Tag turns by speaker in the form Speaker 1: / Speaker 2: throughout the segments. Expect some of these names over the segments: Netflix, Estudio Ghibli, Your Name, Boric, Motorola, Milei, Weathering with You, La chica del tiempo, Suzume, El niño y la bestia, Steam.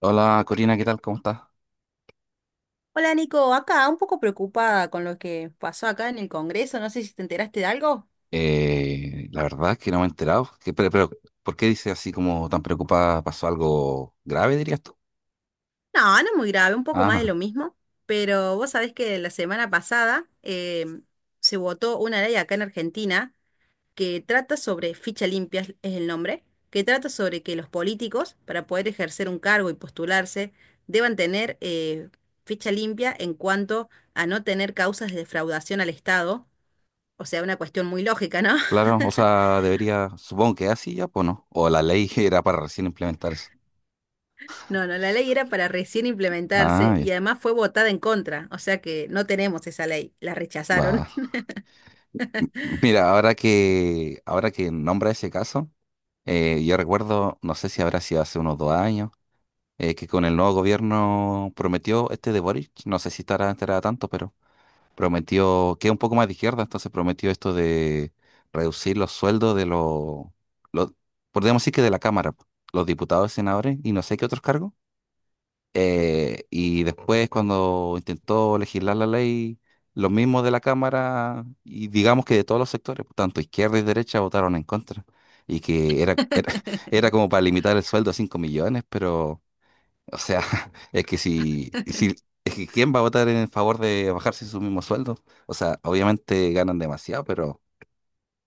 Speaker 1: Hola Corina, ¿qué tal? ¿Cómo estás?
Speaker 2: Hola Nico, acá un poco preocupada con lo que pasó acá en el Congreso, no sé si te enteraste de algo.
Speaker 1: La verdad es que no me he enterado. Pero ¿por qué dices así como tan preocupada? ¿Pasó algo grave, dirías tú?
Speaker 2: No, no es muy grave, un poco más de
Speaker 1: Ah,
Speaker 2: lo mismo, pero vos sabés que la semana pasada se votó una ley acá en Argentina que trata sobre, ficha limpia es el nombre, que trata sobre que los políticos, para poder ejercer un cargo y postularse, deban tener ficha limpia en cuanto a no tener causas de defraudación al Estado, o sea, una cuestión muy lógica, ¿no?
Speaker 1: claro, o sea, debería, supongo que así ya, pues no. O la ley era para recién implementar eso.
Speaker 2: No, no, la ley era para recién
Speaker 1: Ah,
Speaker 2: implementarse
Speaker 1: bien.
Speaker 2: y además fue votada en contra, o sea que no tenemos esa ley, la
Speaker 1: Va.
Speaker 2: rechazaron.
Speaker 1: Mira, ahora que nombra ese caso, yo recuerdo, no sé si habrá sido hace unos 2 años, que con el nuevo gobierno prometió este de Boric, no sé si estará enterada tanto, pero prometió, que es un poco más de izquierda, entonces prometió esto de reducir los sueldos de los, podríamos decir que de la Cámara, po, los diputados, senadores y no sé qué otros cargos. Y después cuando intentó legislar la ley, los mismos de la Cámara y digamos que de todos los sectores, tanto izquierda y derecha, votaron en contra. Y que era era como para limitar el sueldo a 5 millones, pero o sea, es que si, es que ¿quién va a votar en favor de bajarse su mismo sueldo? O sea, obviamente ganan demasiado, pero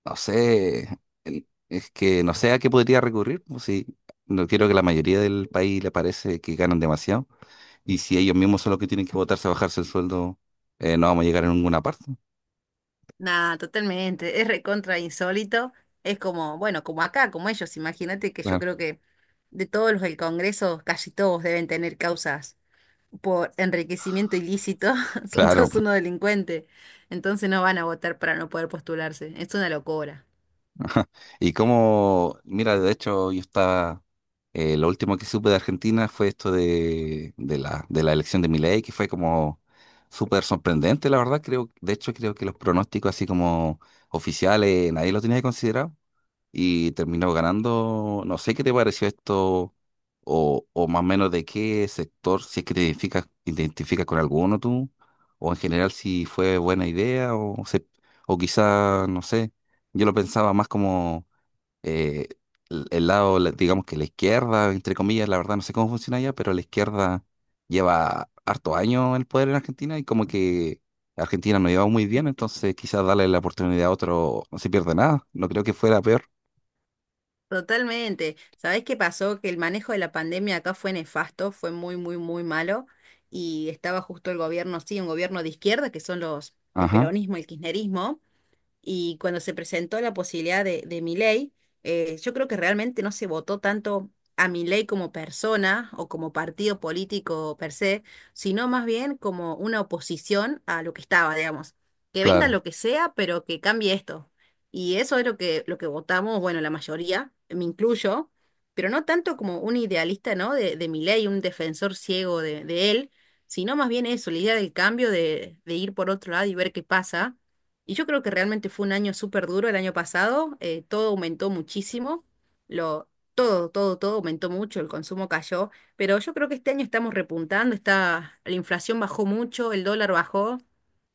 Speaker 1: no sé, es que no sé a qué podría recurrir, pues, si no quiero que la mayoría del país le parece que ganan demasiado, y si ellos mismos son los que tienen que votarse a bajarse el sueldo, no vamos a llegar a ninguna parte.
Speaker 2: Nada, totalmente, es recontra insólito, es como, bueno, como acá, como ellos, imagínate que yo
Speaker 1: Claro,
Speaker 2: creo que de todos los del Congreso, casi todos deben tener causas por enriquecimiento ilícito, son
Speaker 1: claro.
Speaker 2: todos unos delincuentes, entonces no van a votar para no poder postularse, es una locura.
Speaker 1: Y como, mira, de hecho, yo estaba. Lo último que supe de Argentina fue esto de la elección de Milei, que fue como súper sorprendente, la verdad. Creo, de hecho, creo que los pronósticos así como oficiales, nadie lo tenía considerado y terminó ganando. No sé qué te pareció esto o más o menos de qué sector, si es que te identificas con alguno tú, o en general si fue buena idea o, se, o quizá, no sé, yo lo pensaba más como eh, el, lado, digamos que la izquierda, entre comillas, la verdad no sé cómo funciona allá, pero la izquierda lleva harto años en el poder en Argentina y como que Argentina no lleva muy bien, entonces quizás darle la oportunidad a otro no se pierde nada, no creo que fuera peor.
Speaker 2: Totalmente. ¿Sabés qué pasó? Que el manejo de la pandemia acá fue nefasto, fue muy, muy, muy malo. Y estaba justo el gobierno, sí, un gobierno de izquierda, que son los, el
Speaker 1: Ajá,
Speaker 2: peronismo, el kirchnerismo y cuando se presentó la posibilidad de Milei, yo creo que realmente no se votó tanto a Milei como persona o como partido político per se, sino más bien como una oposición a lo que estaba, digamos. Que venga
Speaker 1: claro,
Speaker 2: lo que sea, pero que cambie esto. Y eso es lo que votamos, bueno, la mayoría, me incluyo, pero no tanto como un idealista, ¿no? De Milei, un defensor ciego de él, sino más bien eso, la idea del cambio, de ir por otro lado y ver qué pasa. Y yo creo que realmente fue un año súper duro el año pasado, todo aumentó muchísimo, lo, todo aumentó mucho, el consumo cayó, pero yo creo que este año estamos repuntando, está, la inflación bajó mucho, el dólar bajó,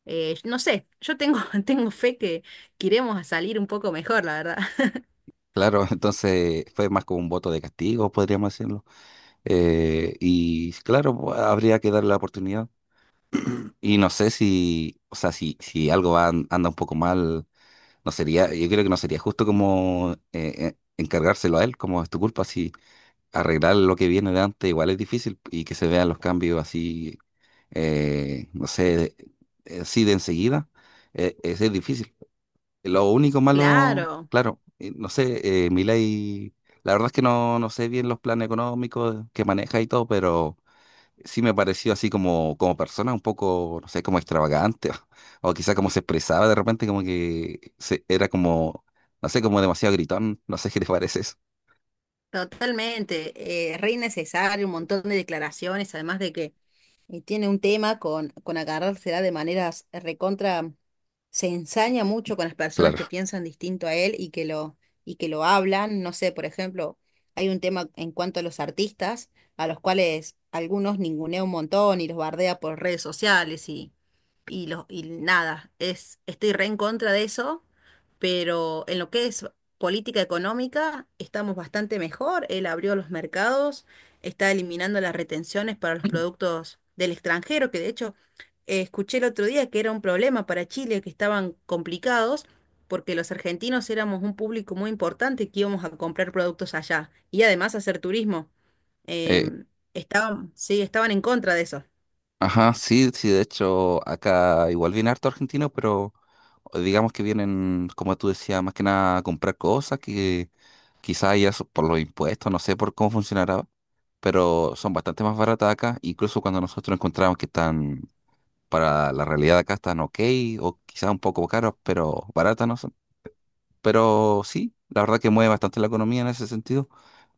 Speaker 2: no sé, yo tengo, tengo fe que iremos a salir un poco mejor, la verdad.
Speaker 1: claro, entonces fue más como un voto de castigo, podríamos decirlo. Y claro, pues, habría que darle la oportunidad. Y no sé si, o sea, si, si algo va, anda un poco mal. No sería, yo creo que no sería justo como encargárselo a él, como es tu culpa, si arreglar lo que viene de antes igual es difícil y que se vean los cambios así, no sé, así de enseguida, es difícil. Lo único malo,
Speaker 2: Claro,
Speaker 1: claro, no sé, Milei, la verdad es que no, no sé bien los planes económicos que maneja y todo, pero sí me pareció así como, como persona un poco, no sé, como extravagante, o, quizá como se expresaba de repente, como que se, era como, no sé, como demasiado gritón, no sé qué te parece eso.
Speaker 2: totalmente, re necesario, un montón de declaraciones, además de que y tiene un tema con agarrársela de maneras recontra, se ensaña mucho con las personas
Speaker 1: Claro.
Speaker 2: que piensan distinto a él y que lo hablan. No sé, por ejemplo, hay un tema en cuanto a los artistas, a los cuales algunos ningunea un montón y los bardea por redes sociales y, lo- y nada, es, estoy re en contra de eso, pero en lo que es política económica estamos bastante mejor. Él abrió los mercados, está eliminando las retenciones para los productos del extranjero, que de hecho escuché el otro día que era un problema para Chile, que estaban complicados. Porque los argentinos éramos un público muy importante que íbamos a comprar productos allá y además hacer turismo.
Speaker 1: Eh,
Speaker 2: Em, estaban, sí, estaban en contra de eso.
Speaker 1: ajá, sí, sí, de hecho, acá igual viene harto argentino, pero digamos que vienen, como tú decías, más que nada a comprar cosas que quizá ya por los impuestos, no sé por cómo funcionará, pero son bastante más baratas acá, incluso cuando nosotros encontramos que están para la realidad de acá están ok o quizás un poco caros, pero baratas no son. Pero sí, la verdad que mueve bastante la economía en ese sentido.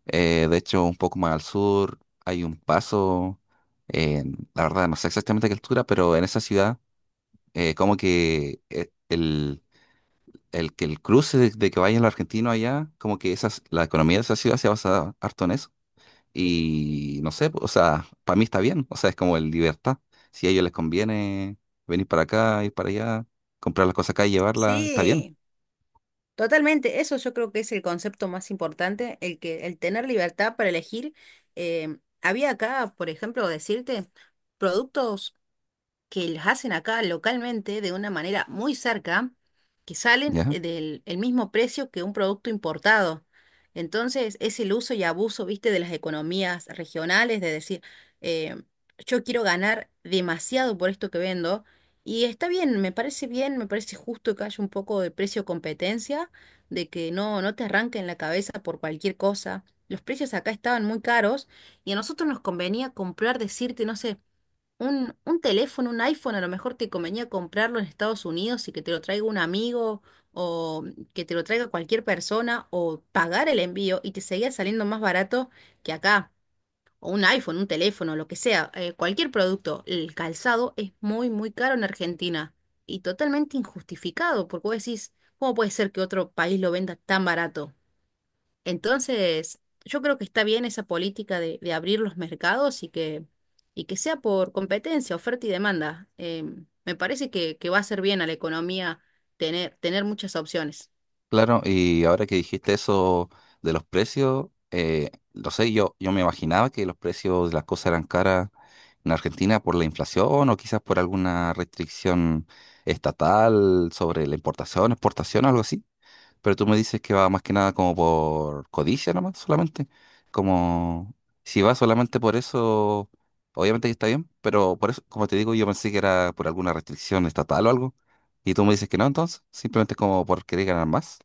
Speaker 1: De hecho, un poco más al sur hay un paso, la verdad no sé exactamente a qué altura, pero en esa ciudad, como que que el cruce de que vayan los argentinos allá, como que esas, la economía de esa ciudad se basa harto en eso y no sé, o sea, para mí está bien, o sea, es como el libertad. Si a ellos les conviene venir para acá, ir para allá, comprar las cosas acá y llevarlas, está bien,
Speaker 2: Sí, totalmente, eso yo creo que es el concepto más importante, el que el tener libertad para elegir. Había acá, por ejemplo, decirte productos que las hacen acá localmente de una manera muy cerca, que salen
Speaker 1: ¿ya?
Speaker 2: del el mismo precio que un producto importado. Entonces, es el uso y abuso, viste, de las economías regionales, de decir, eh, yo quiero ganar demasiado por esto que vendo. Y está bien, me parece justo que haya un poco de precio competencia, de que no, no te arranquen la cabeza por cualquier cosa. Los precios acá estaban muy caros y a nosotros nos convenía comprar, decirte, no sé, un teléfono, un iPhone, a lo mejor te convenía comprarlo en Estados Unidos y que te lo traiga un amigo o que te lo traiga cualquier persona o pagar el envío y te seguía saliendo más barato que acá. O un iPhone, un teléfono, lo que sea, cualquier producto. El calzado es muy, muy caro en Argentina y totalmente injustificado porque vos decís, ¿cómo puede ser que otro país lo venda tan barato? Entonces, yo creo que está bien esa política de abrir los mercados y que sea por competencia, oferta y demanda. Me parece que va a hacer bien a la economía tener, tener muchas opciones.
Speaker 1: Claro, y ahora que dijiste eso de los precios, no sé, yo me imaginaba que los precios de las cosas eran caras en Argentina por la inflación o quizás por alguna restricción estatal sobre la importación, exportación, algo así. Pero tú me dices que va más que nada como por codicia nomás, solamente. Como si va solamente por eso, obviamente que está bien, pero por eso, como te digo, yo pensé que era por alguna restricción estatal o algo. Y tú me dices que no, entonces, simplemente como por querer ganar más.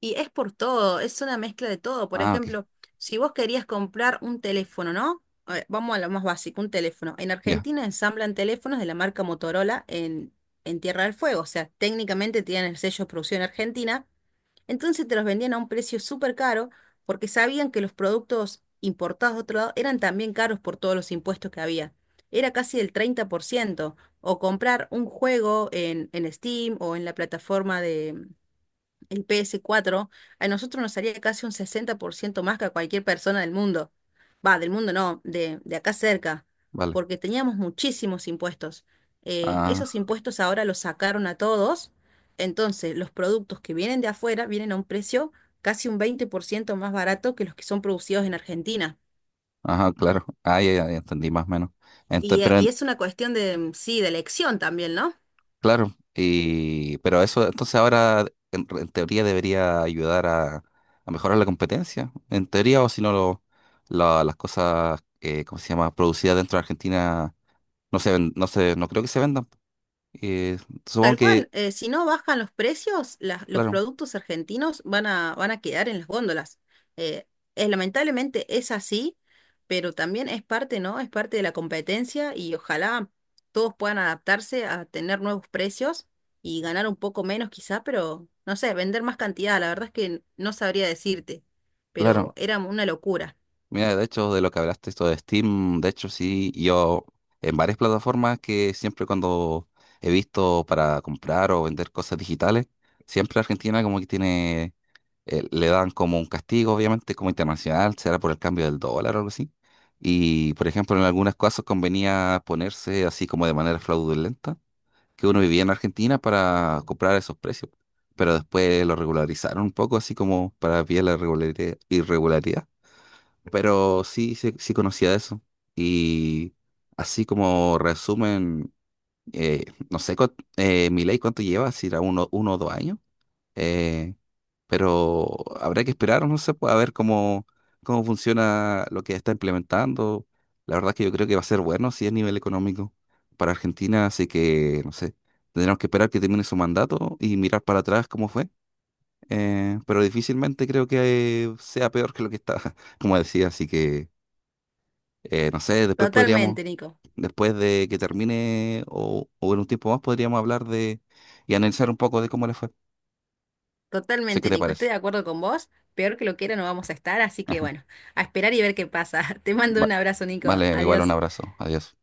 Speaker 2: Y es por todo, es una mezcla de todo. Por
Speaker 1: Ah, ok,
Speaker 2: ejemplo, si vos querías comprar un teléfono, ¿no? A ver, vamos a lo más básico, un teléfono. En
Speaker 1: ya,
Speaker 2: Argentina ensamblan teléfonos de la marca Motorola en Tierra del Fuego. O sea, técnicamente tienen el sello de producción argentina. Entonces te los vendían a un precio súper caro porque sabían que los productos importados de otro lado eran también caros por todos los impuestos que había. Era casi del 30%. O comprar un juego en Steam o en la plataforma el PS4 a nosotros nos salía casi un 60% más que a cualquier persona del mundo. Va, del mundo no, de acá cerca,
Speaker 1: vale.
Speaker 2: porque teníamos muchísimos impuestos. Esos
Speaker 1: Ah,
Speaker 2: impuestos ahora los sacaron a todos, entonces los productos que vienen de afuera vienen a un precio casi un 20% más barato que los que son producidos en Argentina.
Speaker 1: ajá, claro. Ah, ya, ya, ya entendí más o menos. Entonces, pero
Speaker 2: Y es una cuestión de, mm, sí, de elección también, no.
Speaker 1: claro, y, pero eso entonces ahora en teoría debería ayudar a mejorar la competencia, en teoría, o si no, las cosas, ¿cómo se llama?, producidas dentro de Argentina no se ven, no se, no creo que se vendan. Eh, Supongo
Speaker 2: Tal cual,
Speaker 1: que,
Speaker 2: si no bajan los precios, las- los
Speaker 1: claro,
Speaker 2: productos argentinos van a, van a quedar en las góndolas. Eh, lamentablemente es así, pero también es parte, ¿no? Es parte de la competencia y ojalá todos puedan adaptarse a tener nuevos precios y ganar un poco menos quizá, pero no sé, vender más cantidad. La verdad es que no sabría decirte, pero
Speaker 1: claro.
Speaker 2: era una locura.
Speaker 1: Mira, de hecho, de lo que hablaste, esto de Steam, de hecho, sí, yo en varias plataformas que siempre cuando he visto para comprar o vender cosas digitales, siempre Argentina como que tiene le dan como un castigo, obviamente, como internacional, será por el cambio del dólar o algo así. Y, por ejemplo, en algunos casos convenía ponerse así como de manera fraudulenta, que uno vivía en Argentina para comprar esos precios. Pero después lo regularizaron un poco, así como para evitar la irregularidad. Pero sí, sí, sí conocía eso. Y así como resumen, no sé, Milei cuánto lleva, si era uno o 2 años. Eh, pero habrá que esperar, no sé, pues, a ver cómo, cómo funciona lo que está implementando. La verdad es que yo creo que va a ser bueno si es nivel económico para Argentina, así que, no sé, tendremos que esperar que termine su mandato y mirar para atrás cómo fue. Pero difícilmente creo que sea peor que lo que está, como decía, así que, no sé, después podríamos,
Speaker 2: Totalmente, Nico.
Speaker 1: después de que
Speaker 2: Sí.
Speaker 1: termine o en un tiempo más, podríamos hablar de y analizar un poco de cómo le fue. Sé qué
Speaker 2: Totalmente,
Speaker 1: te
Speaker 2: Nico, estoy
Speaker 1: parece.
Speaker 2: de acuerdo con vos. Peor que lo quiera no vamos a estar, así que bueno, a esperar y ver qué pasa. Te mando
Speaker 1: Va-
Speaker 2: un abrazo, Nico.
Speaker 1: vale, igual un
Speaker 2: Adiós.
Speaker 1: abrazo. Adiós.